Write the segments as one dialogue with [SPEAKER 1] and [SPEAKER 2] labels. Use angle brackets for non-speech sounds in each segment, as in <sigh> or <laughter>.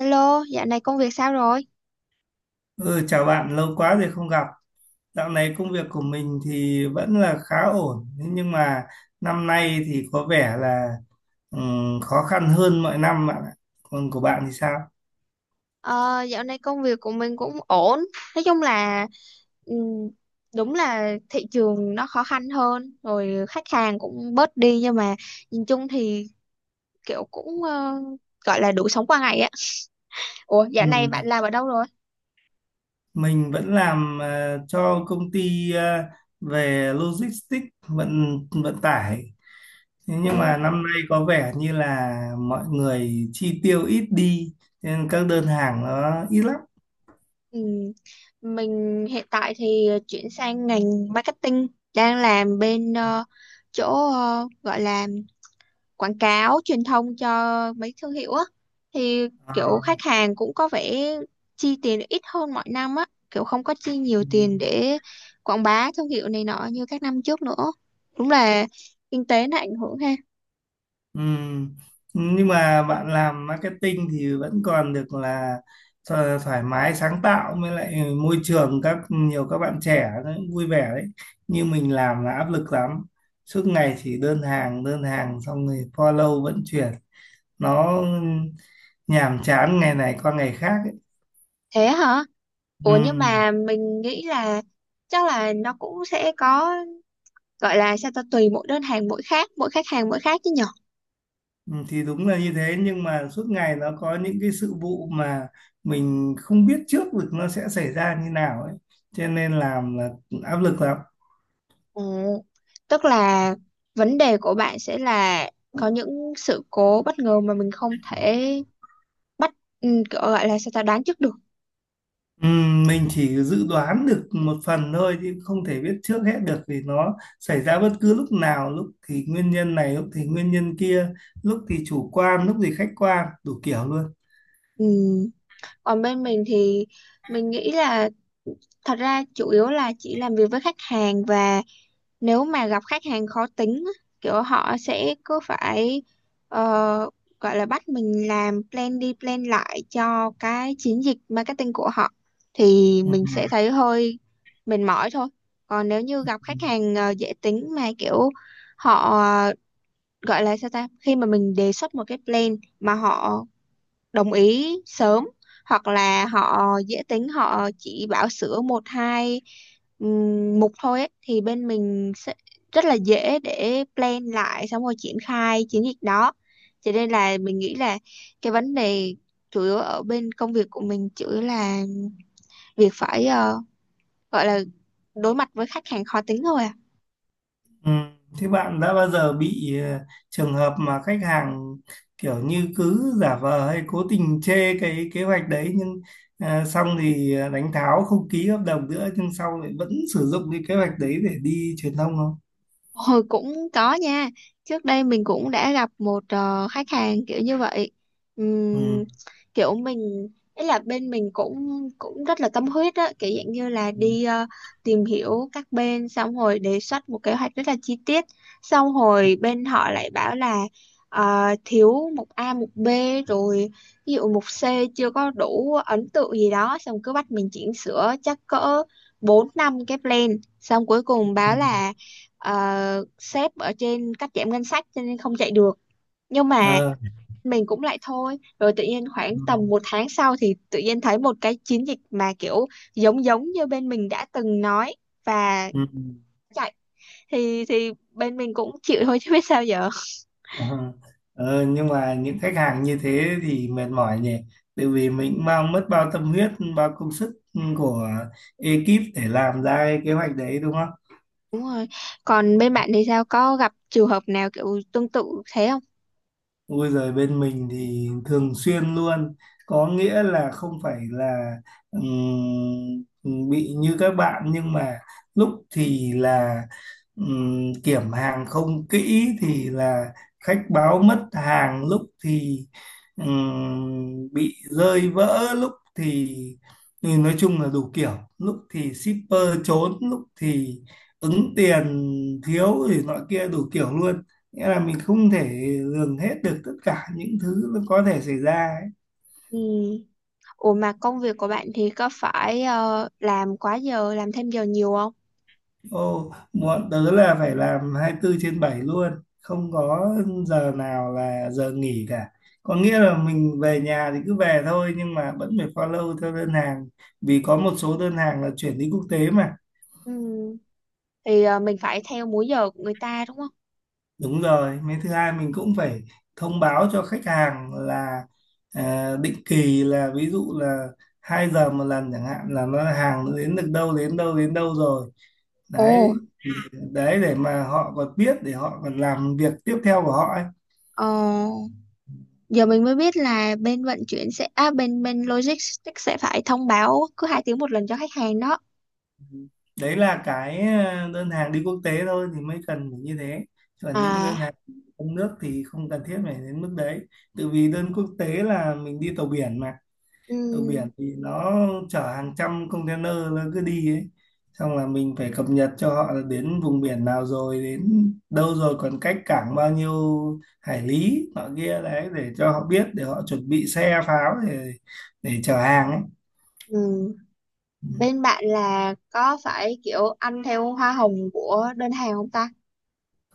[SPEAKER 1] Hello, dạo này công việc sao rồi?
[SPEAKER 2] Ừ, chào bạn, lâu quá rồi không gặp. Dạo này công việc của mình thì vẫn là khá ổn, thế nhưng mà năm nay thì có vẻ là khó khăn hơn mọi năm bạn ạ. Còn của bạn thì sao?
[SPEAKER 1] Ờ, dạo này công việc của mình cũng ổn. Nói chung là ừm, đúng là thị trường nó khó khăn hơn, rồi khách hàng cũng bớt đi, nhưng mà nhìn chung thì kiểu cũng gọi là đủ sống qua ngày á. Ủa, dạo này
[SPEAKER 2] Ừ.
[SPEAKER 1] bạn làm ở đâu rồi?
[SPEAKER 2] Mình vẫn làm cho công ty về logistics vận vận tải. Thế nhưng
[SPEAKER 1] Ồ,
[SPEAKER 2] mà năm nay có vẻ như là mọi người chi tiêu ít đi, nên các đơn hàng nó ít lắm.
[SPEAKER 1] ừm, mình hiện tại thì chuyển sang ngành marketing, đang làm bên chỗ gọi là quảng cáo truyền thông cho mấy thương hiệu á, thì
[SPEAKER 2] Ờ.
[SPEAKER 1] kiểu khách hàng cũng có vẻ chi tiền ít hơn mọi năm á, kiểu không có chi nhiều
[SPEAKER 2] Ừ.
[SPEAKER 1] tiền để quảng bá thương hiệu này nọ như các năm trước nữa. Đúng là kinh tế nó ảnh hưởng ha.
[SPEAKER 2] Ừm. Nhưng mà bạn làm marketing thì vẫn còn được là thoải mái sáng tạo với lại môi trường các nhiều các bạn trẻ nó cũng vui vẻ đấy. Như mình làm là áp lực lắm. Suốt ngày chỉ đơn hàng xong rồi follow vận chuyển. Nó nhàm chán ngày này qua ngày khác
[SPEAKER 1] Thế hả?
[SPEAKER 2] ấy.
[SPEAKER 1] Ủa, nhưng mà mình nghĩ là chắc là nó cũng sẽ có, gọi là sao ta, tùy mỗi đơn hàng mỗi khác, mỗi khách hàng mỗi khác chứ nhở.
[SPEAKER 2] Ừ, thì đúng là như thế nhưng mà suốt ngày nó có những cái sự vụ mà mình không biết trước được nó sẽ xảy ra như nào ấy cho nên làm là áp lực lắm.
[SPEAKER 1] Ừ. Tức là vấn đề của bạn sẽ là có những sự cố bất ngờ mà mình không thể bắt, kiểu gọi là sao ta, đoán trước được.
[SPEAKER 2] Ừ, mình chỉ dự đoán được một phần thôi chứ không thể biết trước hết được vì nó xảy ra bất cứ lúc nào, lúc thì nguyên nhân này lúc thì nguyên nhân kia, lúc thì chủ quan lúc thì khách quan, đủ kiểu luôn.
[SPEAKER 1] Ừ. Còn bên mình thì mình nghĩ là thật ra chủ yếu là chỉ làm việc với khách hàng, và nếu mà gặp khách hàng khó tính á, kiểu họ sẽ cứ phải ờ, gọi là bắt mình làm plan đi plan lại cho cái chiến dịch marketing của họ, thì mình sẽ thấy hơi mệt mỏi thôi. Còn nếu như gặp
[SPEAKER 2] Ừ.
[SPEAKER 1] khách hàng dễ tính mà kiểu họ, gọi là sao ta, khi mà mình đề xuất một cái plan mà họ đồng ý sớm, hoặc là họ dễ tính họ chỉ bảo sửa một hai mục thôi ấy, thì bên mình sẽ rất là dễ để plan lại xong rồi triển khai chiến dịch đó. Cho nên là mình nghĩ là cái vấn đề chủ yếu ở bên công việc của mình, chủ yếu là việc phải gọi là đối mặt với khách hàng khó tính thôi à.
[SPEAKER 2] Ừ. Thế bạn đã bao giờ bị trường hợp mà khách hàng kiểu như cứ giả vờ hay cố tình chê cái kế hoạch đấy nhưng xong thì đánh tháo không ký hợp đồng nữa nhưng sau lại vẫn sử dụng cái kế hoạch đấy để đi truyền thông không?
[SPEAKER 1] Hồi cũng có nha. Trước đây mình cũng đã gặp một khách hàng kiểu như vậy.
[SPEAKER 2] Ừ.
[SPEAKER 1] Ừm, kiểu mình, ý là bên mình cũng cũng rất là tâm huyết á, kiểu dạng như là
[SPEAKER 2] Ừ.
[SPEAKER 1] đi tìm hiểu các bên xong hồi đề xuất một kế hoạch rất là chi tiết. Xong hồi bên họ lại bảo là thiếu mục A, mục B, rồi ví dụ mục C chưa có đủ ấn tượng gì đó, xong cứ bắt mình chỉnh sửa chắc cỡ 4 năm cái plan, xong cuối cùng báo là sếp ở trên cắt giảm ngân sách cho nên không chạy được. Nhưng mà
[SPEAKER 2] Ờ.
[SPEAKER 1] mình cũng lại thôi, rồi tự nhiên khoảng tầm
[SPEAKER 2] Ừ.
[SPEAKER 1] một tháng sau thì tự nhiên thấy một cái chiến dịch mà kiểu giống giống như bên mình đã từng nói và
[SPEAKER 2] Ừ.
[SPEAKER 1] chạy, thì bên mình cũng chịu thôi chứ biết sao giờ.
[SPEAKER 2] Ờ. Ờ, nhưng mà những khách hàng như thế thì mệt mỏi nhỉ, tại vì mình mang mất bao tâm huyết, bao công sức của ekip để làm ra cái kế hoạch đấy đúng.
[SPEAKER 1] Đúng rồi. Còn bên bạn thì sao, có gặp trường hợp nào kiểu tương tự thế không?
[SPEAKER 2] Ui giời, bên mình thì thường xuyên luôn, có nghĩa là không phải là bị như các bạn, nhưng mà lúc thì là kiểm hàng không kỹ thì là khách báo mất hàng, lúc thì bị rơi vỡ, lúc thì nói chung là đủ kiểu, lúc thì shipper trốn, lúc thì ứng tiền thiếu thì nọ kia đủ kiểu luôn, nghĩa là mình không thể lường hết được tất cả những thứ nó có thể xảy ra ấy.
[SPEAKER 1] Ừ. Ủa, mà công việc của bạn thì có phải làm quá giờ, làm thêm giờ nhiều không?
[SPEAKER 2] Ô, bọn tớ là phải làm 24 trên bảy luôn, không có giờ nào là giờ nghỉ cả. Có nghĩa là mình về nhà thì cứ về thôi nhưng mà vẫn phải follow theo đơn hàng, vì có một số đơn hàng là chuyển đi quốc tế mà.
[SPEAKER 1] Ừ. Thì mình phải theo múi giờ của người ta, đúng không?
[SPEAKER 2] Đúng rồi, mấy thứ hai mình cũng phải thông báo cho khách hàng là à, định kỳ là ví dụ là 2 giờ một lần chẳng hạn, là nó hàng nó đến được đâu đến đâu đến đâu rồi
[SPEAKER 1] Ồ,
[SPEAKER 2] đấy đấy để mà họ còn biết để họ còn làm việc tiếp theo của họ ấy.
[SPEAKER 1] ờ, giờ mình mới biết là bên vận chuyển sẽ à, bên bên logistics sẽ phải thông báo cứ hai tiếng một lần cho khách hàng đó.
[SPEAKER 2] Đấy là cái đơn hàng đi quốc tế thôi thì mới cần phải như thế, còn những cái
[SPEAKER 1] À,
[SPEAKER 2] đơn hàng trong nước thì không cần thiết phải đến mức đấy, tự vì đơn quốc tế là mình đi tàu biển mà. Tàu biển
[SPEAKER 1] ừm,
[SPEAKER 2] thì nó chở hàng trăm container nó cứ đi ấy, xong là mình phải cập nhật cho họ là đến vùng biển nào rồi, đến đâu rồi, còn cách cảng bao nhiêu hải lý nọ kia, đấy để cho họ biết để họ chuẩn bị xe pháo để chở hàng ấy.
[SPEAKER 1] ừm. Bên bạn là có phải kiểu ăn theo hoa hồng của đơn hàng không ta?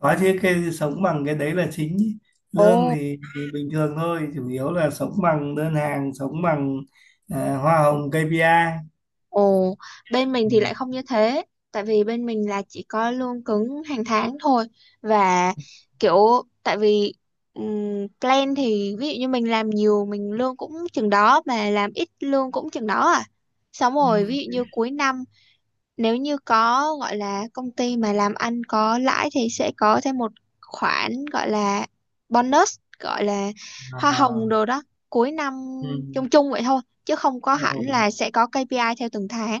[SPEAKER 2] Có chứ, cái sống bằng cái đấy là chính ý. Lương
[SPEAKER 1] Ồ.
[SPEAKER 2] thì bình thường thôi, chủ yếu là sống bằng đơn hàng, sống bằng à, hoa hồng KPI.
[SPEAKER 1] Ồ, bên mình thì
[SPEAKER 2] Ừ.
[SPEAKER 1] lại không như thế, tại vì bên mình là chỉ có lương cứng hàng tháng thôi, và kiểu, tại vì plan thì ví dụ như mình làm nhiều mình lương cũng chừng đó, mà làm ít lương cũng chừng đó à. Xong
[SPEAKER 2] Ừ.
[SPEAKER 1] rồi ví dụ như cuối năm, nếu như có, gọi là công ty mà làm ăn có lãi, thì sẽ có thêm một khoản gọi là bonus, gọi là hoa
[SPEAKER 2] À.
[SPEAKER 1] hồng đồ đó, cuối năm, chung chung vậy thôi chứ không có hẳn
[SPEAKER 2] Ừ.
[SPEAKER 1] là sẽ có KPI theo từng tháng.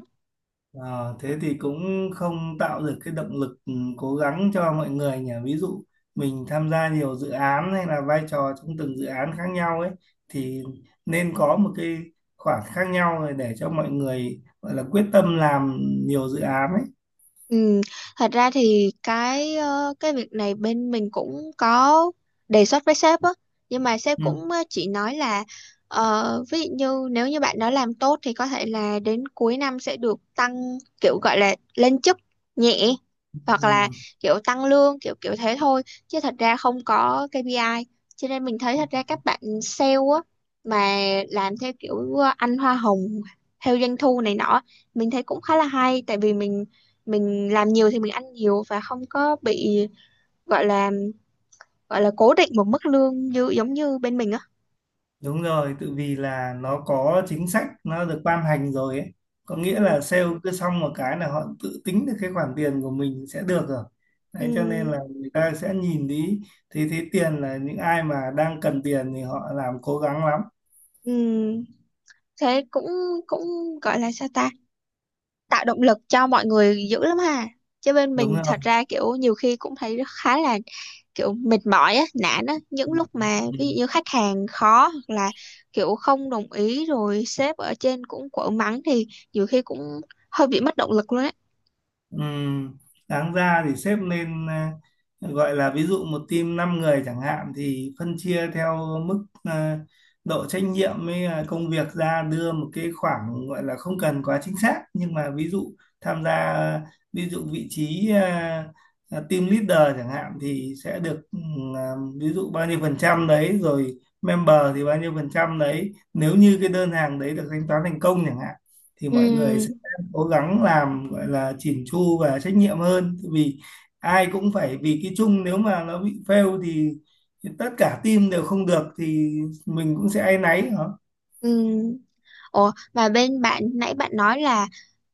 [SPEAKER 2] Ờ, thế thì cũng không tạo được cái động lực, ừ, cố gắng cho mọi người nhỉ. Ví dụ mình tham gia nhiều dự án hay là vai trò trong từng dự án khác nhau ấy thì nên có một cái khoảng khác nhau rồi để cho mọi người gọi là quyết tâm làm nhiều dự án ấy.
[SPEAKER 1] Ừ, thật ra thì cái cái việc này bên mình cũng có đề xuất với sếp á, nhưng mà sếp
[SPEAKER 2] Ừ.
[SPEAKER 1] cũng chỉ nói là ví dụ như nếu như bạn đó làm tốt thì có thể là đến cuối năm sẽ được tăng, kiểu gọi là lên chức nhẹ, hoặc là
[SPEAKER 2] Ừ.
[SPEAKER 1] kiểu tăng lương, kiểu kiểu thế thôi, chứ thật ra không có KPI. Cho nên mình thấy thật ra các bạn sale á, mà làm theo kiểu ăn hoa hồng theo doanh thu này nọ, mình thấy cũng khá là hay, tại vì mình làm nhiều thì mình ăn nhiều, và không có bị, gọi là gọi là cố định một mức lương như giống như bên mình á.
[SPEAKER 2] Đúng rồi, tự vì là nó có chính sách nó được ban hành rồi ấy. Có nghĩa
[SPEAKER 1] Ừ,
[SPEAKER 2] là sale cứ xong một cái là họ tự tính được cái khoản tiền của mình sẽ được rồi.
[SPEAKER 1] ừ,
[SPEAKER 2] Đấy cho nên là người ta sẽ nhìn đi thì thấy tiền, là những ai mà đang cần tiền thì họ làm cố gắng lắm.
[SPEAKER 1] ừ. Thế cũng cũng gọi là sao ta, tạo động lực cho mọi người dữ lắm ha. Chứ bên
[SPEAKER 2] Đúng
[SPEAKER 1] mình
[SPEAKER 2] rồi.
[SPEAKER 1] thật ra kiểu nhiều khi cũng thấy khá là kiểu mệt mỏi á, nản á, những lúc mà ví dụ
[SPEAKER 2] Ừ.
[SPEAKER 1] như khách hàng khó, hoặc là kiểu không đồng ý, rồi sếp ở trên cũng quở mắng, thì nhiều khi cũng hơi bị mất động lực luôn á.
[SPEAKER 2] Ừm, Đáng ra thì xếp lên gọi là ví dụ một team 5 người chẳng hạn thì phân chia theo mức độ trách nhiệm với công việc ra, đưa một cái khoảng gọi là không cần quá chính xác nhưng mà ví dụ tham gia ví dụ vị trí team leader chẳng hạn thì sẽ được ví dụ bao nhiêu phần trăm đấy, rồi member thì bao nhiêu phần trăm đấy, nếu như cái đơn hàng đấy được thanh toán thành công chẳng hạn, thì mọi người
[SPEAKER 1] Ừ,
[SPEAKER 2] cố gắng làm gọi là chỉn chu và trách nhiệm hơn. Tại vì ai cũng phải vì cái chung, nếu mà nó bị fail thì tất cả team đều không được thì mình cũng sẽ áy náy.
[SPEAKER 1] ừ. Ủa, mà bên bạn nãy bạn nói là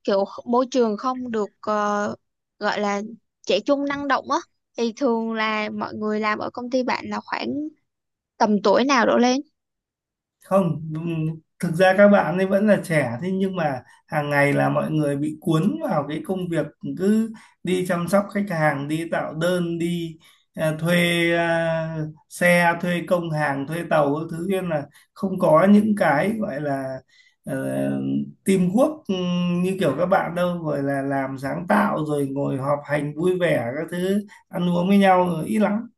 [SPEAKER 1] kiểu môi trường không được gọi là trẻ trung năng động á, thì thường là mọi người làm ở công ty bạn là khoảng tầm tuổi nào đổ lên?
[SPEAKER 2] Không, thực ra các bạn ấy vẫn là trẻ, thế nhưng mà hàng ngày là mọi người bị cuốn vào cái công việc, cứ đi chăm sóc khách hàng, đi tạo đơn, đi thuê xe, thuê công hàng, thuê tàu các thứ, nên là không có những cái gọi là uh, teamwork, như kiểu các bạn đâu, gọi là làm sáng tạo rồi ngồi họp hành vui vẻ các thứ, ăn uống với nhau ít lắm.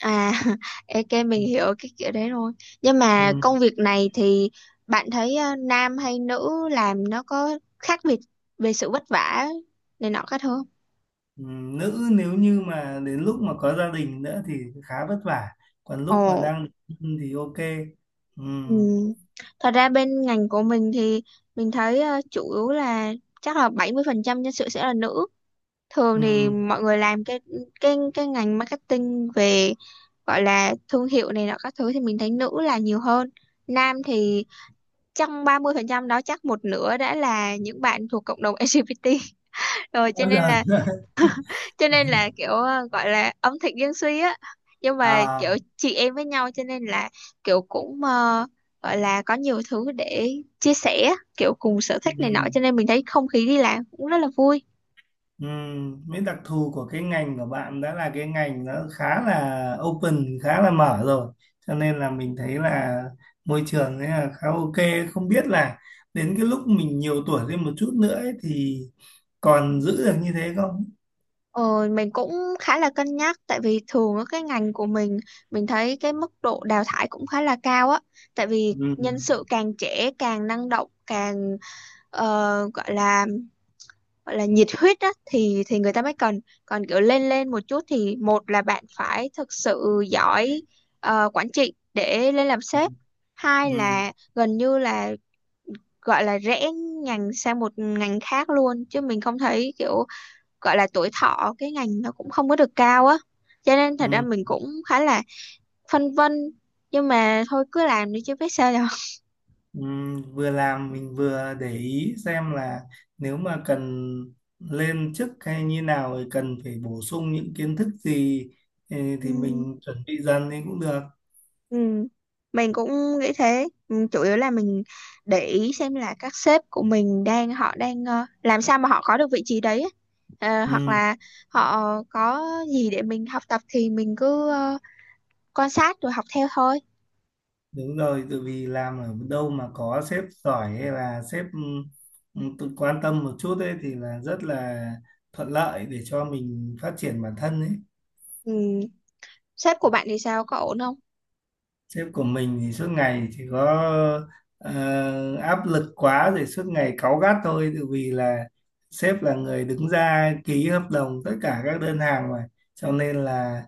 [SPEAKER 1] À. <laughs> Ok, mình hiểu cái kiểu đấy rồi. Nhưng mà
[SPEAKER 2] Ừ.
[SPEAKER 1] công việc này thì bạn thấy nam hay nữ làm nó có khác biệt về sự vất vả này nọ khác không?
[SPEAKER 2] Nữ nếu như mà đến lúc mà có gia đình nữa thì khá vất vả, còn
[SPEAKER 1] Ồ.
[SPEAKER 2] lúc mà đang độc thân thì ok.
[SPEAKER 1] Ừ.
[SPEAKER 2] Ừm.
[SPEAKER 1] Thật ra bên ngành của mình thì mình thấy chủ yếu là chắc là 70% nhân sự sẽ là nữ. Thường thì
[SPEAKER 2] Ừm.
[SPEAKER 1] mọi người làm cái cái ngành marketing về gọi là thương hiệu này nọ các thứ thì mình thấy nữ là nhiều hơn. Nam thì trong 30% đó chắc một nửa đã là những bạn thuộc cộng đồng LGBT. <laughs> Rồi cho
[SPEAKER 2] Bao
[SPEAKER 1] nên
[SPEAKER 2] giờ
[SPEAKER 1] là
[SPEAKER 2] <laughs>
[SPEAKER 1] kiểu gọi là ẩm thực dân suy á, nhưng mà
[SPEAKER 2] à.
[SPEAKER 1] kiểu chị em với nhau, cho nên là kiểu cũng gọi là có nhiều thứ để chia sẻ, kiểu cùng sở thích này nọ, cho
[SPEAKER 2] Ừm.
[SPEAKER 1] nên mình thấy không khí đi làm cũng rất là vui.
[SPEAKER 2] Ừm. Mấy đặc thù của cái ngành của bạn đã là cái ngành nó khá là open, khá là mở rồi, cho nên là mình thấy là môi trường ấy là khá ok, không biết là đến cái lúc mình nhiều tuổi lên một chút nữa ấy, thì còn giữ được như thế không.
[SPEAKER 1] Ờ, mình cũng khá là cân nhắc, tại vì thường ở cái ngành của mình thấy cái mức độ đào thải cũng khá là cao á, tại vì nhân
[SPEAKER 2] Ừm.
[SPEAKER 1] sự càng trẻ càng năng động càng gọi là nhiệt huyết á, thì người ta mới cần. Còn kiểu lên lên một chút thì, một là bạn phải thực sự giỏi quản trị để lên làm sếp, hai
[SPEAKER 2] Ừm.
[SPEAKER 1] là gần như là gọi là rẽ ngành sang một ngành khác luôn, chứ mình không thấy kiểu gọi là tuổi thọ cái ngành nó cũng không có được cao á. Cho nên thật ra
[SPEAKER 2] Ừm.
[SPEAKER 1] mình cũng khá là phân vân, nhưng mà thôi cứ làm đi chứ biết sao
[SPEAKER 2] Vừa làm mình vừa để ý xem là nếu mà cần lên chức hay như nào thì cần phải bổ sung những kiến thức gì, ừ,
[SPEAKER 1] giờ.
[SPEAKER 2] thì mình chuẩn bị dần thì cũng được.
[SPEAKER 1] Ừ. Mình cũng nghĩ thế. Ừ, chủ yếu là mình để ý xem là các sếp của mình đang, họ đang làm sao mà họ có được vị trí đấy ấy. Ờ, hoặc
[SPEAKER 2] Ừ,
[SPEAKER 1] là họ có gì để mình học tập, thì mình cứ quan sát rồi học theo thôi.
[SPEAKER 2] đúng rồi, tại vì làm ở đâu mà có sếp giỏi hay là sếp, ừ, tự quan tâm một chút ấy thì là rất là thuận lợi để cho mình phát triển bản thân ấy.
[SPEAKER 1] Ừ. Sếp của bạn thì sao, có ổn không?
[SPEAKER 2] Sếp của mình thì suốt ngày chỉ có áp lực quá rồi suốt ngày cáu gắt thôi, tự vì là sếp là người đứng ra ký hợp đồng tất cả các đơn hàng mà, cho nên là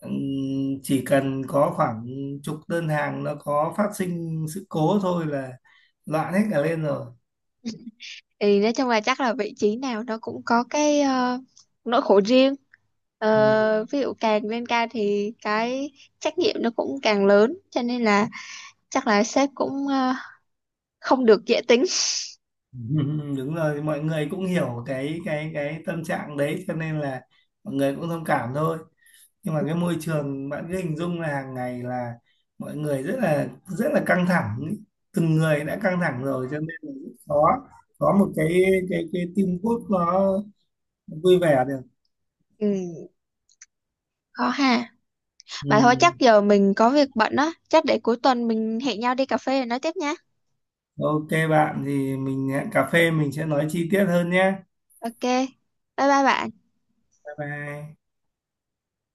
[SPEAKER 2] ừm, chỉ cần có khoảng chục đơn hàng nó có phát sinh sự cố thôi là loạn hết cả lên rồi.
[SPEAKER 1] Thì nói chung là chắc là vị trí nào nó cũng có cái nỗi khổ riêng.
[SPEAKER 2] Ừ.
[SPEAKER 1] Ờ, ví dụ càng lên cao thì cái trách nhiệm nó cũng càng lớn, cho nên là chắc là sếp cũng không được dễ tính.
[SPEAKER 2] <laughs> Đúng rồi, mọi người cũng hiểu cái tâm trạng đấy cho nên là mọi người cũng thông cảm thôi, nhưng mà cái môi trường bạn cứ hình dung là hàng ngày là mọi người rất là căng thẳng ý. Từng người đã căng thẳng rồi cho nên là rất khó có một cái teamwork nó vui vẻ được.
[SPEAKER 1] Ừ, khó ha.
[SPEAKER 2] Ừ.
[SPEAKER 1] Mà thôi chắc giờ mình có việc bận á, chắc để cuối tuần mình hẹn nhau đi cà phê rồi nói tiếp nha.
[SPEAKER 2] Ok bạn, thì mình hẹn cà phê mình sẽ nói chi tiết hơn nhé.
[SPEAKER 1] Ok. Bye bye bạn.
[SPEAKER 2] Bye bye.